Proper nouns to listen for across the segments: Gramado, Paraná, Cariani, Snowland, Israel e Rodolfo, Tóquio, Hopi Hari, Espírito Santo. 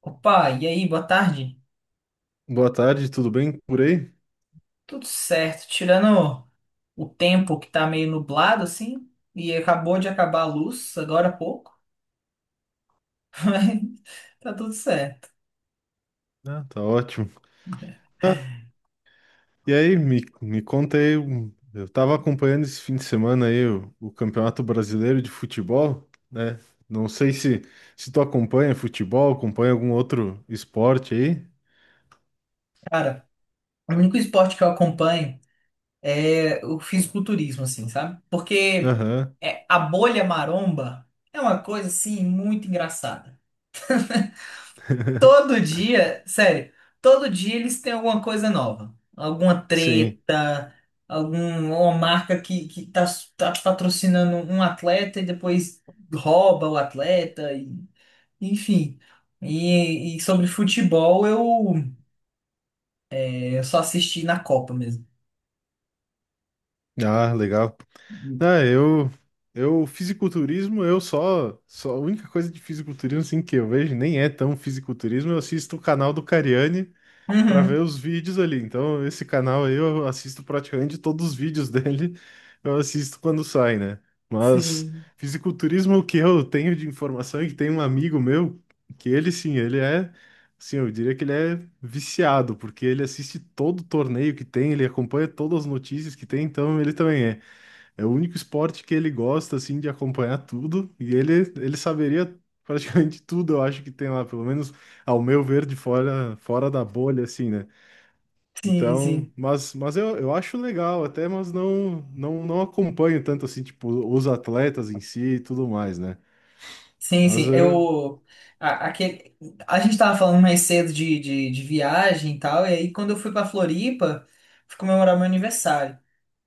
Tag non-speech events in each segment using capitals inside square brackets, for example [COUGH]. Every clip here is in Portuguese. Opa, e aí, boa tarde? Boa tarde, tudo bem por aí? Tudo certo, tirando o tempo que tá meio nublado assim, e acabou de acabar a luz agora há pouco, [LAUGHS] mas tá tudo certo. Ah, tá ótimo. Ah, e aí, me conta aí, eu tava acompanhando esse fim de semana aí o Campeonato Brasileiro de Futebol, né? Não sei se, se tu acompanha futebol, acompanha algum outro esporte aí. Cara, o único esporte que eu acompanho é o fisiculturismo, assim, sabe? Porque Aham, é, a bolha maromba é uma coisa assim muito engraçada. [LAUGHS] Todo dia, sério, todo dia eles têm alguma coisa nova. Alguma sim. treta, alguma marca que tá patrocinando um atleta e depois rouba o atleta, enfim. E sobre futebol, eu só assisti na Copa mesmo. Ah, legal. Ah, fisiculturismo, eu só a única coisa de fisiculturismo, assim, que eu vejo, nem é tão fisiculturismo, eu assisto o canal do Cariani, para ver Uhum, os vídeos ali. Então, esse canal aí eu assisto praticamente todos os vídeos [LAUGHS] dele, eu assisto quando sai, né? Mas sim, fisiculturismo, é o que eu tenho de informação é que tem um amigo meu que ele sim, eu diria que ele é viciado, porque ele assiste todo o torneio que tem, ele acompanha todas as notícias que tem, então ele também é. É o único esporte que ele gosta assim de acompanhar tudo e ele saberia praticamente [LAUGHS] tudo, eu acho que tem lá, pelo menos ao meu ver de fora, fora da bolha, assim, né? sim, Então, sim. mas eu acho legal até, mas não, não acompanho tanto assim, tipo, os atletas em si e tudo mais, né? Sim, Mas sim. eu... a, aquele, a gente tava falando mais cedo de viagem e tal, e aí quando eu fui pra Floripa, fui comemorar meu aniversário.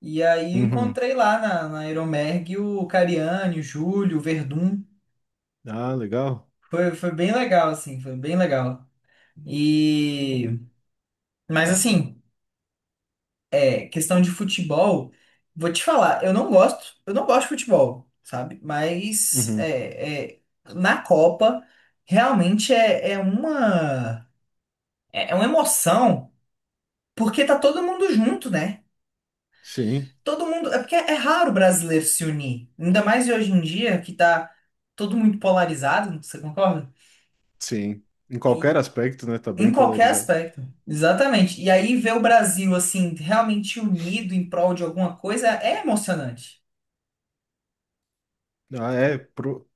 E aí eu Uhum. encontrei lá na Aeromerg o Cariani, o Júlio, o Verdun. Ah, legal. Foi bem legal, assim, foi bem legal. E, mas assim, é, questão de futebol, vou te falar, eu não gosto de futebol, sabe? Mas Uhum. é, na Copa, realmente é uma emoção, porque tá todo mundo junto, né? Sim, Todo mundo. É porque é raro o brasileiro se unir. Ainda mais hoje em dia, que tá todo muito polarizado, você concorda? sim. Em E- qualquer aspecto, né? Tá em bem qualquer polarizado. aspecto. Exatamente. E aí ver o Brasil, assim, realmente unido em prol de alguma coisa é emocionante. Ah, é,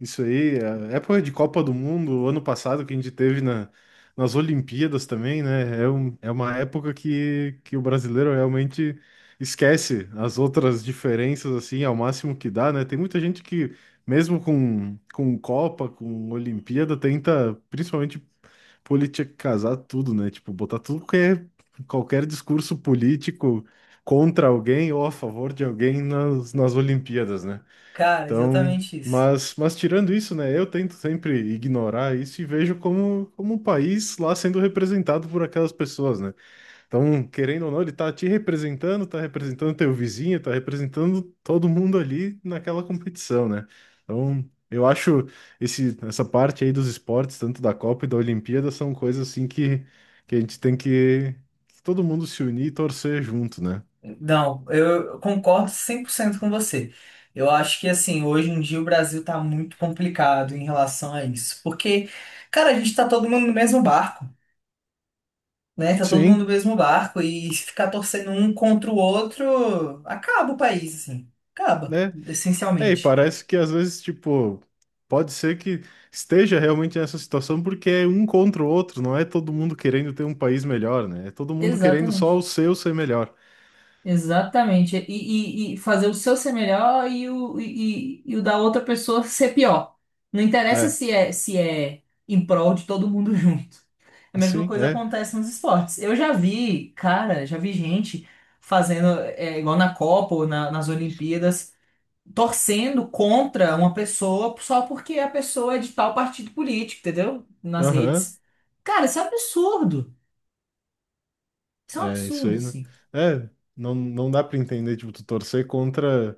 isso aí, a época de Copa do Mundo, ano passado, que a gente teve na, nas Olimpíadas também, né? É, é uma época que o brasileiro realmente esquece as outras diferenças, assim, ao máximo que dá, né? Tem muita gente que, mesmo com Copa, com Olimpíada, tenta, principalmente, politicazar tudo, né? Tipo, botar tudo que é qualquer discurso político contra alguém ou a favor de alguém nas, nas Olimpíadas, né? Cara, Então, exatamente isso. mas tirando isso, né, eu tento sempre ignorar isso e vejo como, como um país lá sendo representado por aquelas pessoas, né? Então, querendo ou não, ele tá te representando, tá representando teu vizinho, tá representando todo mundo ali naquela competição, né? Então, eu acho essa parte aí dos esportes, tanto da Copa e da Olimpíada, são coisas assim que a gente tem que todo mundo se unir e torcer junto, né? Não, eu concordo 100% com você. Eu acho que, assim, hoje em dia o Brasil tá muito complicado em relação a isso. Porque, cara, a gente tá todo mundo no mesmo barco, né? Tá todo mundo no Sim. mesmo barco e se ficar torcendo um contra o outro, acaba o país, assim. Acaba, Né? É, e essencialmente. parece que às vezes, tipo, pode ser que esteja realmente nessa situação porque é um contra o outro, não é todo mundo querendo ter um país melhor, né? É todo mundo querendo só o Exatamente. seu ser melhor. Exatamente. E fazer o seu ser melhor e o da outra pessoa ser pior. Não interessa É, se é em prol de todo mundo [LAUGHS] junto. A mesma sim, coisa é. acontece nos esportes. Eu já vi, cara, já vi gente fazendo, igual na Copa ou nas Olimpíadas. Torcendo contra uma pessoa só porque a pessoa é de tal partido político, entendeu? Nas Aham, redes. Cara, isso é um absurdo. Isso é um é isso absurdo, aí, né? sim. É, não, não dá pra entender, tipo, tu torcer contra,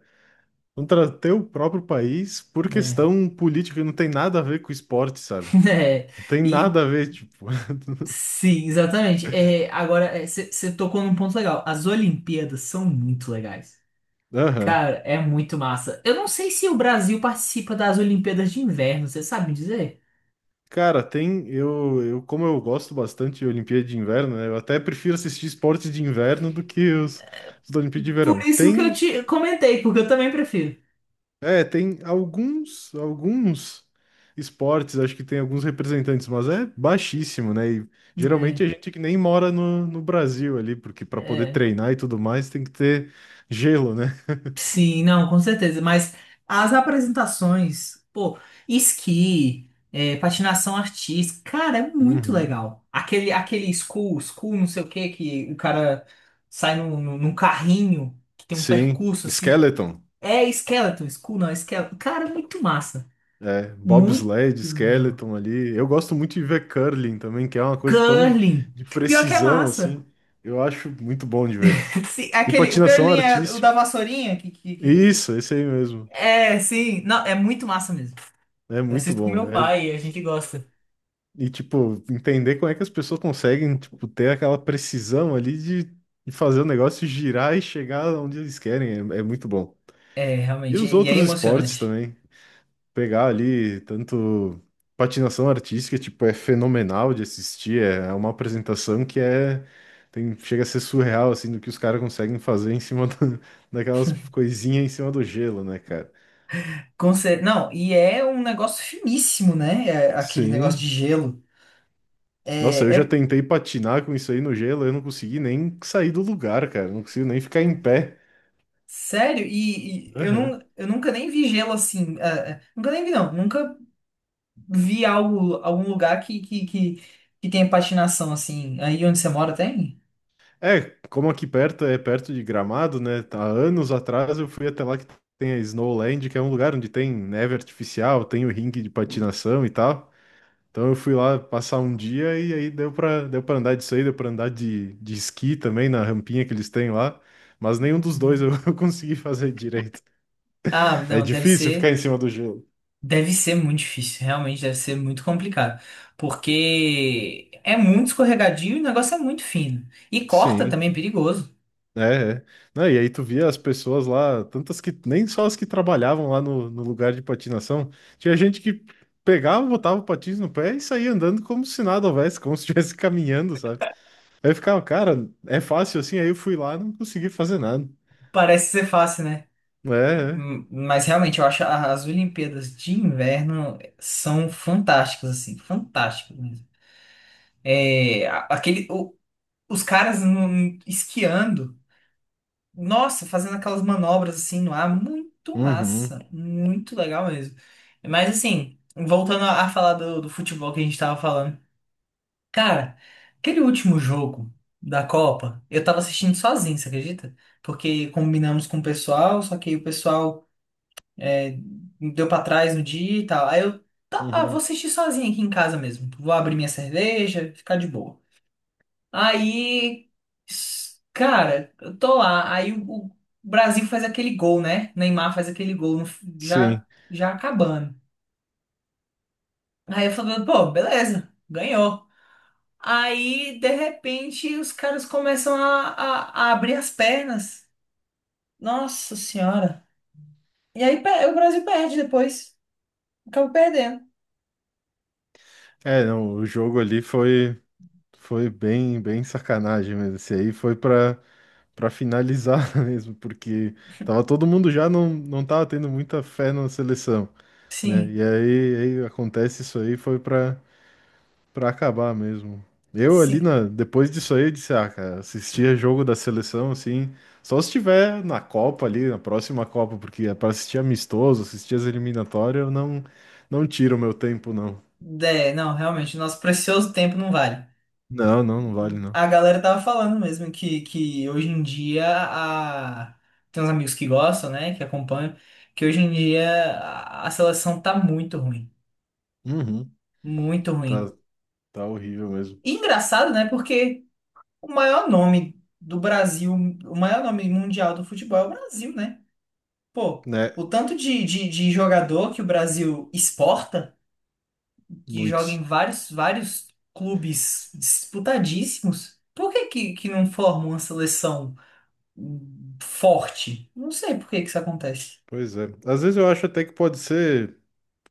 contra teu próprio país por Né? questão política, não tem nada a ver com esporte, sabe? [LAUGHS] Não É. tem E nada a ver, tipo. [LAUGHS] sim, exatamente. É, agora, você tocou num ponto legal. As Olimpíadas são muito legais. Aham. Cara, é muito massa. Eu não sei se o Brasil participa das Olimpíadas de Inverno, você sabe me dizer? Cara, tem. Como eu gosto bastante de Olimpíada de Inverno, né? Eu até prefiro assistir esportes de inverno do que os da Olimpíada de Por Verão. isso que eu Tem. te comentei, porque eu também prefiro. É, tem alguns, alguns esportes, acho que tem alguns representantes, mas é baixíssimo, né? E geralmente É, a gente que nem mora no, no Brasil ali, porque para poder é. treinar e tudo mais tem que ter gelo, né? Sim, não, com certeza. Mas as apresentações, pô, esqui, patinação artística, cara, é muito Uhum. legal. Aquele school, não sei o que que o cara sai num carrinho que tem um Sim. percurso assim. Skeleton. É skeleton, school não, é skeleton. Cara, é muito massa. É, Muito bobsled, legal. skeleton ali. Eu gosto muito de ver curling também, que é uma coisa tão Curling. de Pior que é precisão massa. assim. Eu acho muito bom de ver. [LAUGHS] Sim, é E aquele, o patinação curling é o da artística. vassourinha. Isso, esse aí mesmo. É, sim. Não, é muito massa mesmo. É Eu muito assisto com bom. meu É, pai e a gente gosta. e tipo, entender como é que as pessoas conseguem, tipo, ter aquela precisão ali de fazer o negócio girar e chegar onde eles querem. É, é muito bom. É, E realmente, os e é outros esportes emocionante. também. Pegar ali tanto patinação artística, tipo, é fenomenal de assistir, é uma apresentação que chega a ser surreal assim do que os caras conseguem fazer em cima da- [LAUGHS] daquelas coisinhas em cima do gelo, né, cara? Não, e é um negócio finíssimo, né? É, aquele negócio de Sim. gelo. Nossa, eu É, já é- tentei patinar com isso aí no gelo, eu não consegui nem sair do lugar, cara, não consigo nem ficar em pé. sério, e eu nunca nem vi gelo assim. Ah, nunca nem vi, não. Nunca vi algo, algum lugar que tenha patinação assim. Aí onde você mora tem? É, como aqui perto é perto de Gramado, né? Há anos atrás eu fui até lá que tem a Snowland, que é um lugar onde tem neve artificial, tem o ringue de patinação e tal. Então eu fui lá passar um dia e aí deu pra andar disso aí, deu pra andar de esqui também na rampinha que eles têm lá. Mas nenhum dos dois eu [LAUGHS] consegui fazer direito. Ah, É não, deve difícil ficar em ser, cima do gelo. deve ser muito difícil, realmente deve ser muito complicado, porque é muito escorregadio e o negócio é muito fino. E corta Sim. também é perigoso. É, é. Não, e aí tu via as pessoas lá, tantas que nem só as que trabalhavam lá no, no lugar de patinação, tinha gente que pegava, botava o patins no pé e saía andando como se nada houvesse, como se estivesse [LAUGHS] caminhando, sabe? Aí eu ficava, cara, é fácil assim, aí eu fui lá e não consegui fazer nada. Parece ser fácil, né? É, é. Mas realmente eu acho as Olimpíadas de inverno são fantásticas, assim, fantásticas mesmo. É, os caras esquiando, nossa, fazendo aquelas manobras assim no ar, muito Uhum, massa, muito legal mesmo. Mas assim, voltando a falar do futebol que a gente tava falando, cara, aquele último jogo da Copa, eu tava assistindo sozinho, você acredita? Porque combinamos com o pessoal, só que o pessoal deu pra trás no dia e tal. Aí eu, tá, ah, vou uhum. assistir sozinho aqui em casa mesmo. Vou abrir minha cerveja, ficar de boa. Aí, cara, eu tô lá. Aí o Brasil faz aquele gol, né? Neymar faz aquele gol, no f- já, Sim. já acabando. Aí eu falo, pô, beleza, ganhou. Aí, de repente, os caras começam a abrir as pernas. Nossa senhora. E aí o Brasil perde depois. Acaba perdendo. É, não, o jogo ali foi bem, bem sacanagem mesmo. Esse aí foi pra para finalizar [LAUGHS] mesmo, porque tava todo mundo já não, não tava tendo muita fé na seleção, né? Sim. E aí, aí acontece isso aí, foi para acabar mesmo. Eu ali Sim, na depois disso aí eu disse, ah, cara, assistia jogo da seleção assim, só se tiver na Copa ali, na próxima Copa, porque é para assistir amistoso, assistir as eliminatórias, eu não tiro o meu tempo não. é, não, realmente, nosso precioso tempo não vale. Não, não vale não. A galera tava falando mesmo que hoje em dia tem uns amigos que gostam, né, que acompanham, que hoje em dia a seleção tá muito ruim, Uhum, muito tá ruim. tá horrível mesmo, E engraçado, né, porque o maior nome do Brasil, o maior nome mundial do futebol é o Brasil, né? Pô, né? o tanto de jogador que o Brasil exporta, que joga Muitos. em vários, vários clubes disputadíssimos, por que que não forma uma seleção forte? Não sei por que que isso acontece. Pois é. Às vezes eu acho até que pode ser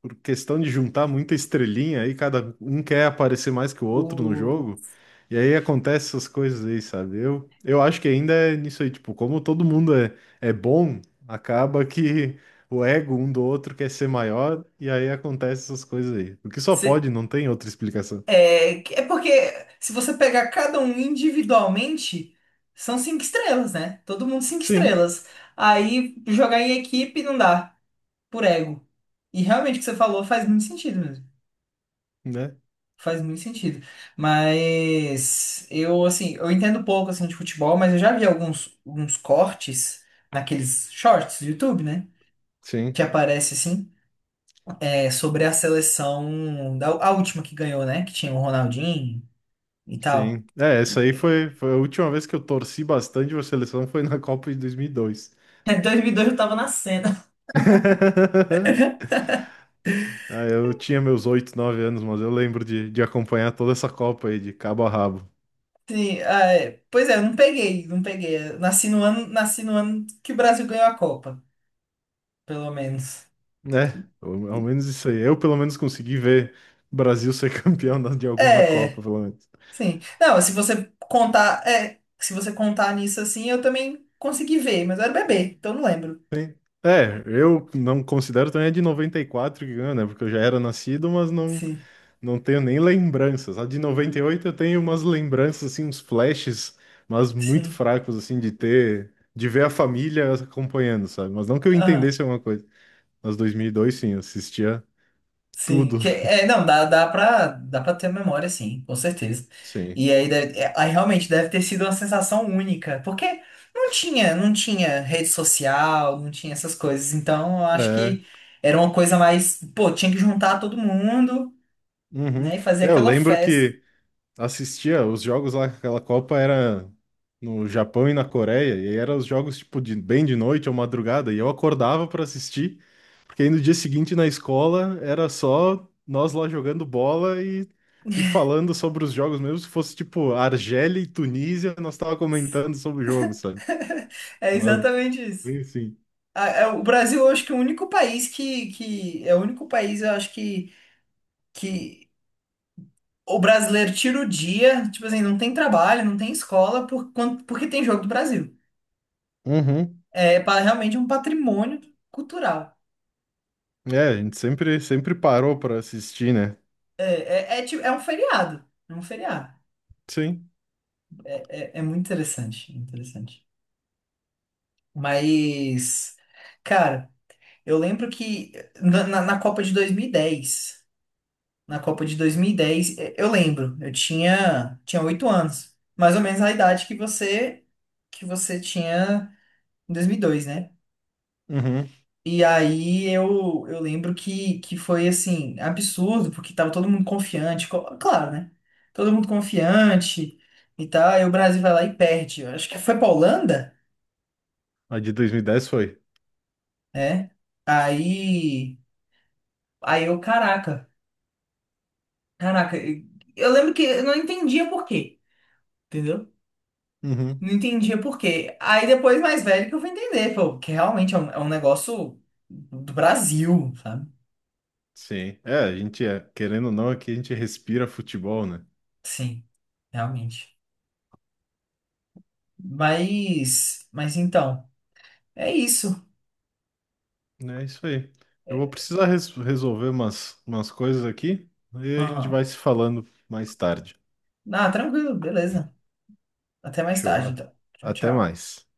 por questão de juntar muita estrelinha aí, cada um quer aparecer mais que o outro no O, jogo. E aí acontece essas coisas aí, sabe? Eu acho que ainda é nisso aí, tipo, como todo mundo é, é bom, acaba que o ego um do outro quer ser maior, e aí acontece essas coisas aí. O que só se- pode, não tem outra explicação. é, é porque se você pegar cada um individualmente, são cinco estrelas, né? Todo mundo cinco Sim, estrelas. Aí jogar em equipe não dá, por ego. E realmente o que você falou faz muito sentido mesmo. né? Faz muito sentido. Mas eu, assim, eu entendo pouco, assim, de futebol, mas eu já vi alguns cortes naqueles shorts do YouTube, né? Sim, Que aparece, assim, sobre a seleção, a última que ganhou, né? Que tinha o Ronaldinho e tal. sim. É, essa aí foi, foi a última vez que eu torci bastante pra seleção, foi na Copa de 2002. [LAUGHS] Em 2002 eu tava nascendo. [LAUGHS] Ah, eu tinha meus 8, 9 anos, mas eu lembro de acompanhar toda essa Copa aí de cabo a rabo, Sim, ah, é, pois é, eu não peguei, não peguei. Eu nasci no ano, que o Brasil ganhou a Copa, pelo menos. né? Ao ao menos isso aí. Eu, pelo menos, consegui ver o Brasil ser [LAUGHS] campeão de alguma Copa, É. pelo menos. Sim. Não, se você contar nisso assim, eu também consegui ver, mas eu era bebê, então não lembro. Sim. É, eu não considero também a de 94 que ganhou, né? Porque eu já era nascido, mas não, Sim, não tenho nem lembranças. A de 98 eu tenho umas lembranças, assim, uns flashes, mas muito sim. fracos, assim, de ver a família acompanhando, sabe? Mas não que eu Aham, entendesse alguma coisa. Mas mil e dois, sim, eu assistia sim. tudo. Que, é, não, dá pra ter memória, sim, com certeza. Sim. E aí, realmente deve ter sido uma sensação única, porque não tinha, não tinha rede social, não tinha essas coisas. Então, eu acho É. que era uma coisa mais, pô, tinha que juntar todo mundo, Uhum. né, e fazer É, eu aquela lembro festa. que [LAUGHS] assistia os jogos lá, aquela Copa era no Japão e na Coreia, e eram os jogos tipo de, bem de noite ou madrugada, e eu acordava para assistir, porque aí no dia seguinte na escola era só nós lá jogando bola e falando sobre os jogos, mesmo se fosse tipo Argélia e Tunísia, nós tava comentando sobre o jogo, sabe? É Mas, exatamente isso. enfim. O Brasil, eu acho que é o único país que é o único país, eu acho que o brasileiro tira o dia, tipo assim, não tem trabalho, não tem escola, porque tem jogo do Brasil. Uhum. Realmente é um patrimônio cultural. É, a gente sempre, sempre parou para assistir, né? É, é um feriado, é um feriado. Sim. É muito interessante, interessante. Mas, cara, eu lembro que na Copa de 2010. Na Copa de dois mil E- dez, E- Eu lembro, eu tinha 8 anos, mais ou menos a idade que você tinha em 2002, né? Uhum. E aí eu lembro que foi assim, absurdo, porque tava todo mundo confiante, claro, né? Todo mundo confiante e tal, e o Brasil vai lá e perde. Eu acho que foi pra Holanda, A de 2010 foi. né? Aí, aí eu, caraca, eu lembro que eu não entendia por quê, entendeu? Uhum. Não entendia por quê. Aí depois, mais velho, que eu fui entender, pô, que realmente é um, negócio do Brasil, sabe? Sim. É, a gente, é, querendo ou não, aqui a gente respira futebol, né? Sim, realmente. Mas então, é isso. É isso aí. Eu vou É. precisar resolver umas, umas coisas aqui, aí a gente Aham. vai se falando mais tarde. Ah, tranquilo, beleza. Até mais Show. tarde, A- então. Tchau, Até tchau. mais.